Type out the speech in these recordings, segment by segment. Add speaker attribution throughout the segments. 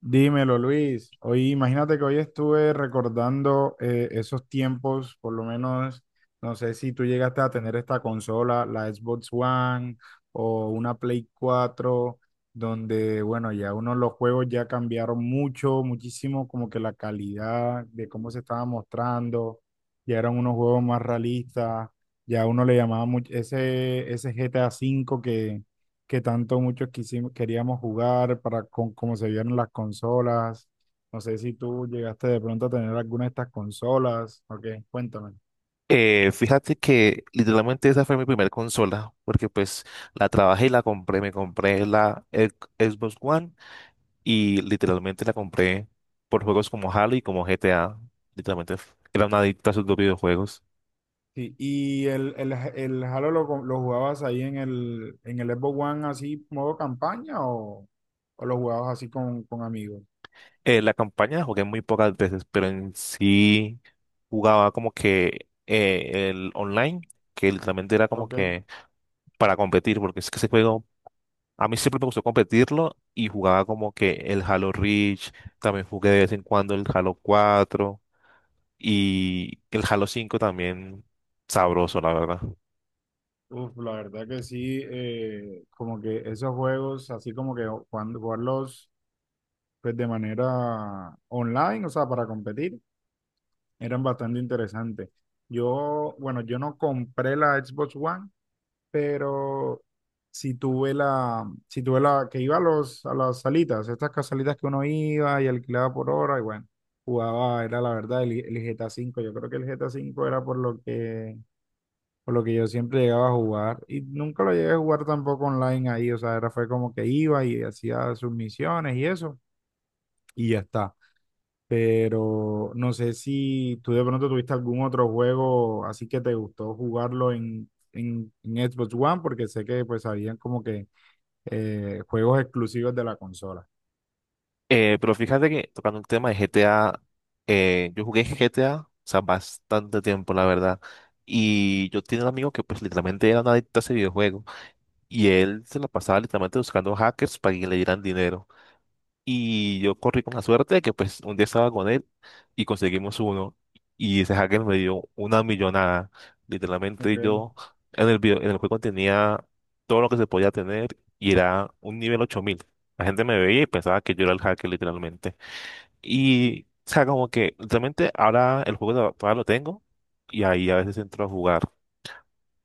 Speaker 1: Dímelo, Luis. Hoy, imagínate que hoy estuve recordando esos tiempos, por lo menos, no sé si tú llegaste a tener esta consola, la Xbox One o una Play 4, donde, bueno, ya uno los juegos ya cambiaron mucho, muchísimo, como que la calidad de cómo se estaba mostrando, ya eran unos juegos más realistas, ya uno le llamaba mucho ese GTA 5 que tanto muchos quisimos, queríamos jugar para con cómo se vieron las consolas. No sé si tú llegaste de pronto a tener alguna de estas consolas. Ok, cuéntame.
Speaker 2: Fíjate que literalmente esa fue mi primera consola, porque pues la trabajé y la compré, me compré la Xbox One y literalmente la compré por juegos como Halo y como GTA. Literalmente era una adicta a sus dos videojuegos.
Speaker 1: Sí, y el Halo lo jugabas ahí en el Xbox One así, modo campaña o lo jugabas así con amigos.
Speaker 2: La campaña la jugué muy pocas veces, pero en sí jugaba como que el online, que literalmente era como
Speaker 1: Ok.
Speaker 2: que para competir, porque es que ese juego. A mí siempre me gustó competirlo y jugaba como que el Halo Reach, también jugué de vez en cuando el Halo 4 y el Halo 5 también sabroso, la verdad.
Speaker 1: Uf, la verdad que sí, como que esos juegos, así como que cuando jugarlos pues de manera online, o sea, para competir, eran bastante interesantes. Yo, bueno, yo no compré la Xbox One, pero sí tuve la, que iba a los, a las salitas, estas salitas que uno iba y alquilaba por hora, y bueno, jugaba, era la verdad, el GTA 5. Yo creo que el GTA 5 era por lo que yo siempre llegaba a jugar. Y nunca lo llegué a jugar tampoco online ahí. O sea, era fue como que iba y hacía sus misiones y eso, y ya está, pero no sé si tú de pronto tuviste algún otro juego así que te gustó jugarlo en Xbox One, porque sé que pues habían como que juegos exclusivos de la consola.
Speaker 2: Pero fíjate que tocando el tema de GTA, yo jugué GTA, o sea, bastante tiempo, la verdad. Y yo tenía un amigo que pues literalmente era un adicto a ese videojuego y él se la pasaba literalmente buscando hackers para que le dieran dinero. Y yo corrí con la suerte de que pues un día estaba con él y conseguimos uno. Y ese hacker me dio una millonada.
Speaker 1: Ok.
Speaker 2: Literalmente yo en el video, en el juego tenía todo lo que se podía tener y era un nivel 8000. La gente me veía y pensaba que yo era el hacker literalmente. Y o sea, como que literalmente ahora el juego todavía lo tengo y ahí a veces entro a jugar.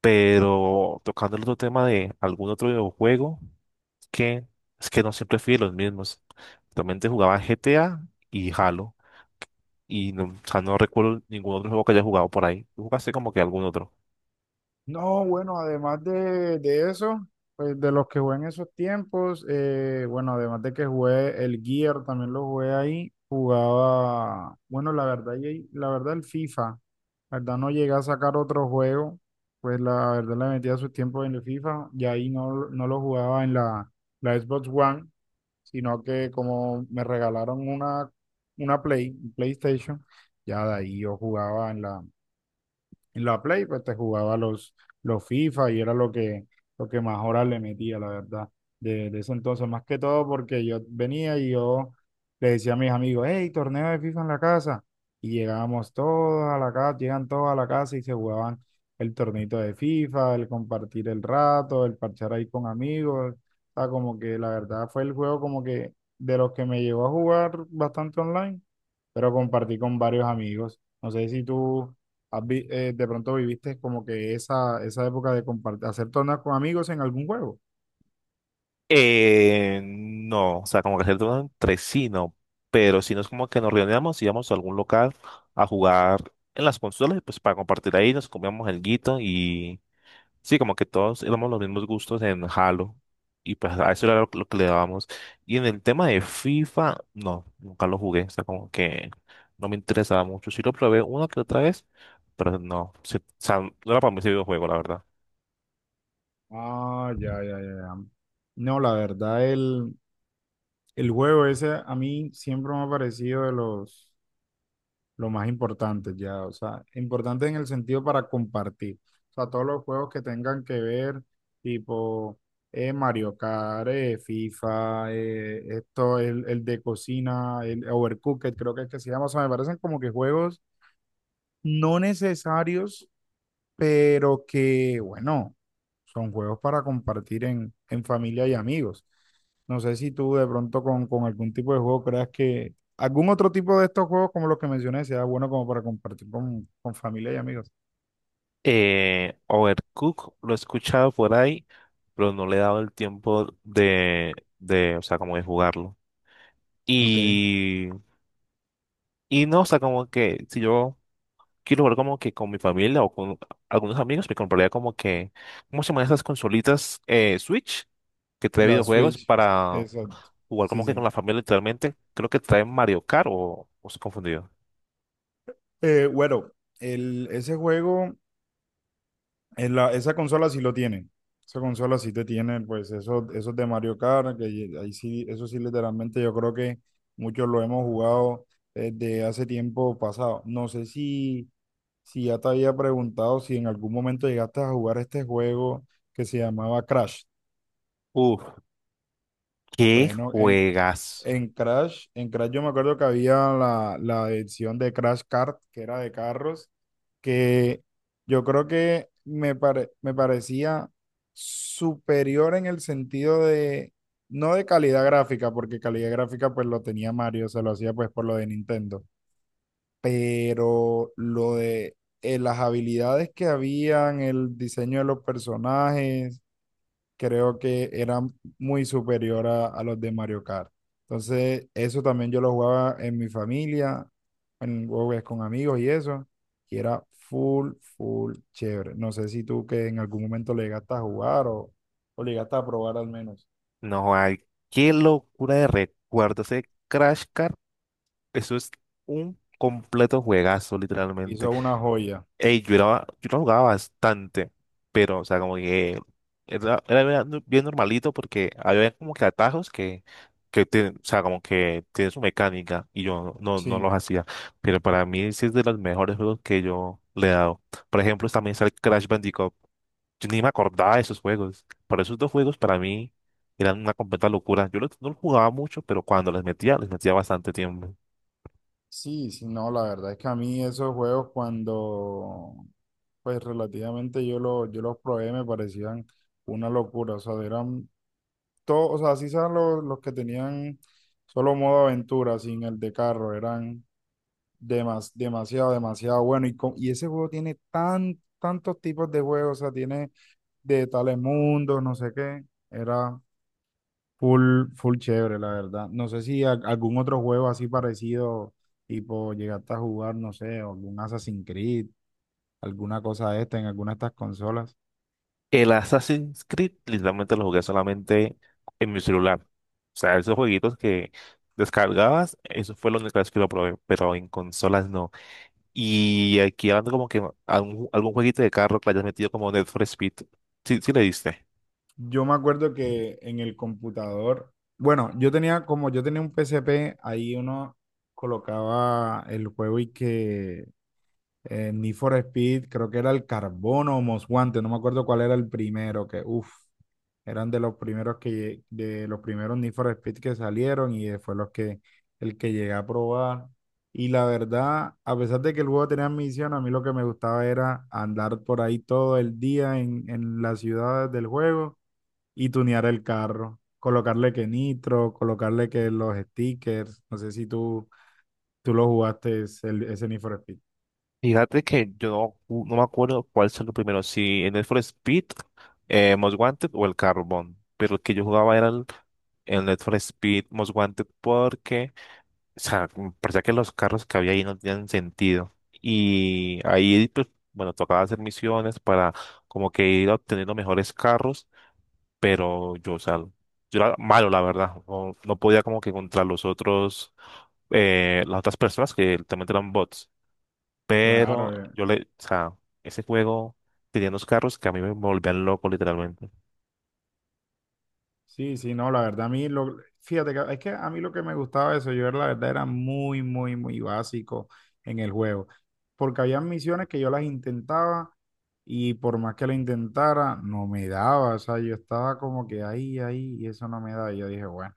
Speaker 2: Pero tocando el otro tema de algún otro videojuego que es que no siempre fui de los mismos. Realmente jugaba GTA y Halo. Y no, o sea, no recuerdo ningún otro juego que haya jugado por ahí. ¿Tú jugaste como que algún otro?
Speaker 1: No, bueno, además de eso, pues de los que jugué en esos tiempos, bueno, además de que jugué el Gear, también lo jugué ahí, jugaba, bueno, la verdad, y la verdad el FIFA. La verdad no llegué a sacar otro juego, pues la verdad le metía sus tiempos en el FIFA y ahí no, no lo jugaba en la Xbox One, sino que como me regalaron una Play, un PlayStation, ya de ahí yo jugaba en la Play, pues te jugaba los FIFA y era lo que más horas le metía, la verdad, de ese entonces, más que todo porque yo venía y yo le decía a mis amigos, hey, torneo de FIFA en la casa. Y llegábamos todos a la casa, llegan todos a la casa y se jugaban el torneito de FIFA, el compartir el rato, el parchar ahí con amigos. O sea, como que la verdad fue el juego como que de los que me llevó a jugar bastante online, pero compartí con varios amigos. No sé si tú de pronto viviste como que esa época de compartir, hacer torneos con amigos en algún juego.
Speaker 2: No, o sea, como que hacer todo entre sí, no. Pero si no es como que nos reuníamos, íbamos a algún local a jugar en las consolas, y pues para compartir ahí, nos comíamos el guito. Sí, como que todos éramos los mismos gustos en Halo y pues a eso era lo que le dábamos. Y en el tema de FIFA, no, nunca lo jugué, o sea, como que no me interesaba mucho. Sí lo probé una que otra vez, pero no, sí, o sea, no era para mí ese videojuego, la verdad.
Speaker 1: Ah, ya, ya, ya, ya. No, la verdad, el juego ese a mí siempre me ha parecido de los, lo más importante ya, o sea, importante en el sentido para compartir, o sea, todos los juegos que tengan que ver, tipo Mario Kart, FIFA, esto, el de cocina, el Overcooked, creo que es que se llama, o sea, me parecen como que juegos no necesarios, pero que, bueno, son juegos para compartir en familia y amigos. No sé si tú de pronto con algún tipo de juego creas que algún otro tipo de estos juegos como los que mencioné sea bueno como para compartir con familia y amigos.
Speaker 2: Overcooked lo he escuchado por ahí, pero no le he dado el tiempo de, o sea, como de jugarlo.
Speaker 1: Ok,
Speaker 2: Y, y no, o sea, como que si yo quiero jugar como que con mi familia o con algunos amigos, me compraría como que, ¿cómo se llaman esas consolitas Switch que trae
Speaker 1: la
Speaker 2: videojuegos
Speaker 1: Switch,
Speaker 2: para
Speaker 1: exacto.
Speaker 2: jugar
Speaker 1: Sí,
Speaker 2: como que con
Speaker 1: sí.
Speaker 2: la familia literalmente? Creo que trae Mario Kart o estoy confundido.
Speaker 1: Bueno, ese juego, esa consola sí lo tiene. Esa consola sí te tiene, pues, eso, esos de Mario Kart, que ahí sí, eso sí, literalmente yo creo que muchos lo hemos jugado desde hace tiempo pasado. No sé si, si ya te había preguntado si en algún momento llegaste a jugar este juego que se llamaba Crash.
Speaker 2: Uf, ¿qué
Speaker 1: Bueno, en,
Speaker 2: juegas?
Speaker 1: en Crash, en Crash yo me acuerdo que había la edición de Crash Kart, que era de carros que yo creo que me parecía superior en el sentido de, no de calidad gráfica, porque calidad gráfica pues lo tenía Mario, se lo hacía pues por lo de Nintendo, pero lo de las habilidades que habían, el diseño de los personajes creo que era muy superior a los de Mario Kart. Entonces, eso también yo lo jugaba en mi familia, en juegos con amigos y eso, y era full, full chévere. No sé si tú que en algún momento le llegaste a jugar o le llegaste a probar al menos.
Speaker 2: No hay, qué locura de recuerdos ese Crash Kart. Eso es un completo juegazo, literalmente.
Speaker 1: Hizo una joya.
Speaker 2: Ey, yo la jugaba bastante, pero, o sea, como que era, era bien no, bien normalito porque había como que atajos que o sea, como que tiene su mecánica y yo no, no
Speaker 1: Sí,
Speaker 2: los hacía. Pero para mí sí es de los mejores juegos que yo le he dado. Por ejemplo, también está el Crash Bandicoot. Yo ni me acordaba de esos juegos. Pero esos dos juegos para mí eran una completa locura. Yo no los jugaba mucho, pero cuando les metía bastante tiempo.
Speaker 1: sí, sí, no, la verdad es que a mí esos juegos cuando, pues relativamente yo los probé me parecían una locura, o sea, eran todo, o sea, así eran los que tenían solo modo aventura, sin el de carro, eran demasiado, demasiado bueno. Y ese juego tiene tantos tipos de juegos, o sea, tiene de tales mundos, no sé qué, era full, full chévere, la verdad. No sé si algún otro juego así parecido, tipo, llegaste a jugar, no sé, algún Assassin's Creed, alguna cosa de esta en alguna de estas consolas.
Speaker 2: El Assassin's Creed literalmente lo jugué solamente en mi celular. O sea, esos jueguitos que descargabas, eso fue lo único vez que lo probé, pero en consolas no. Y aquí hablando como que algún, algún jueguito de carro que le hayas metido como Need for Speed. Sí, sí le diste.
Speaker 1: Yo me acuerdo que en el computador, bueno, yo tenía un P C P ahí uno colocaba el juego y que Need for Speed, creo que era el Carbono o Most Wanted, no me acuerdo cuál era el primero, que uff, eran de los primeros Need for Speed que salieron, y fue los que el que llegué a probar. Y la verdad, a pesar de que el juego tenía misión, a mí lo que me gustaba era andar por ahí todo el día en las ciudades del juego y tunear el carro, colocarle que nitro, colocarle que los stickers, no sé si tú, tú lo jugaste ese ese Need for Speed.
Speaker 2: Fíjate que yo no, no me acuerdo cuál salió primero, si el Need for Speed, Most Wanted o el Carbon. Pero el que yo jugaba era el Need for Speed Most Wanted porque. O sea, como parecía que los carros que había ahí no tenían sentido. Y ahí, pues, bueno, tocaba hacer misiones para como que ir obteniendo mejores carros, pero yo, o sea, yo era malo, la verdad. No, no podía como que contra los otros, las otras personas que también eran bots.
Speaker 1: Claro,
Speaker 2: Pero yo le, o sea, ese juego tenía unos carros que a mí me volvían loco, literalmente.
Speaker 1: sí, sí, no, la verdad a mí, fíjate que es que a mí lo que me gustaba de eso, la verdad era muy, muy, muy básico en el juego, porque había misiones que yo las intentaba. Y por más que la intentara, no me daba. O sea, yo estaba como que ahí, ahí, y eso no me da. Y yo dije, bueno,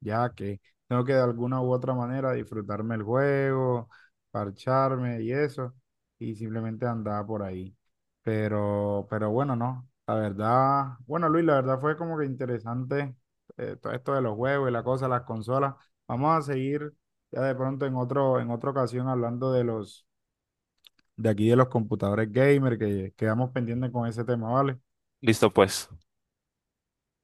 Speaker 1: ya que tengo que de alguna u otra manera disfrutarme el juego, parcharme y eso, y simplemente andaba por ahí. Pero bueno, no, la verdad, bueno, Luis, la verdad fue como que interesante, todo esto de los juegos y la cosa, las consolas. Vamos a seguir ya de pronto en otro, en otra ocasión hablando de los, de aquí de los computadores gamer, que quedamos pendientes con ese tema, ¿vale?
Speaker 2: Listo, pues.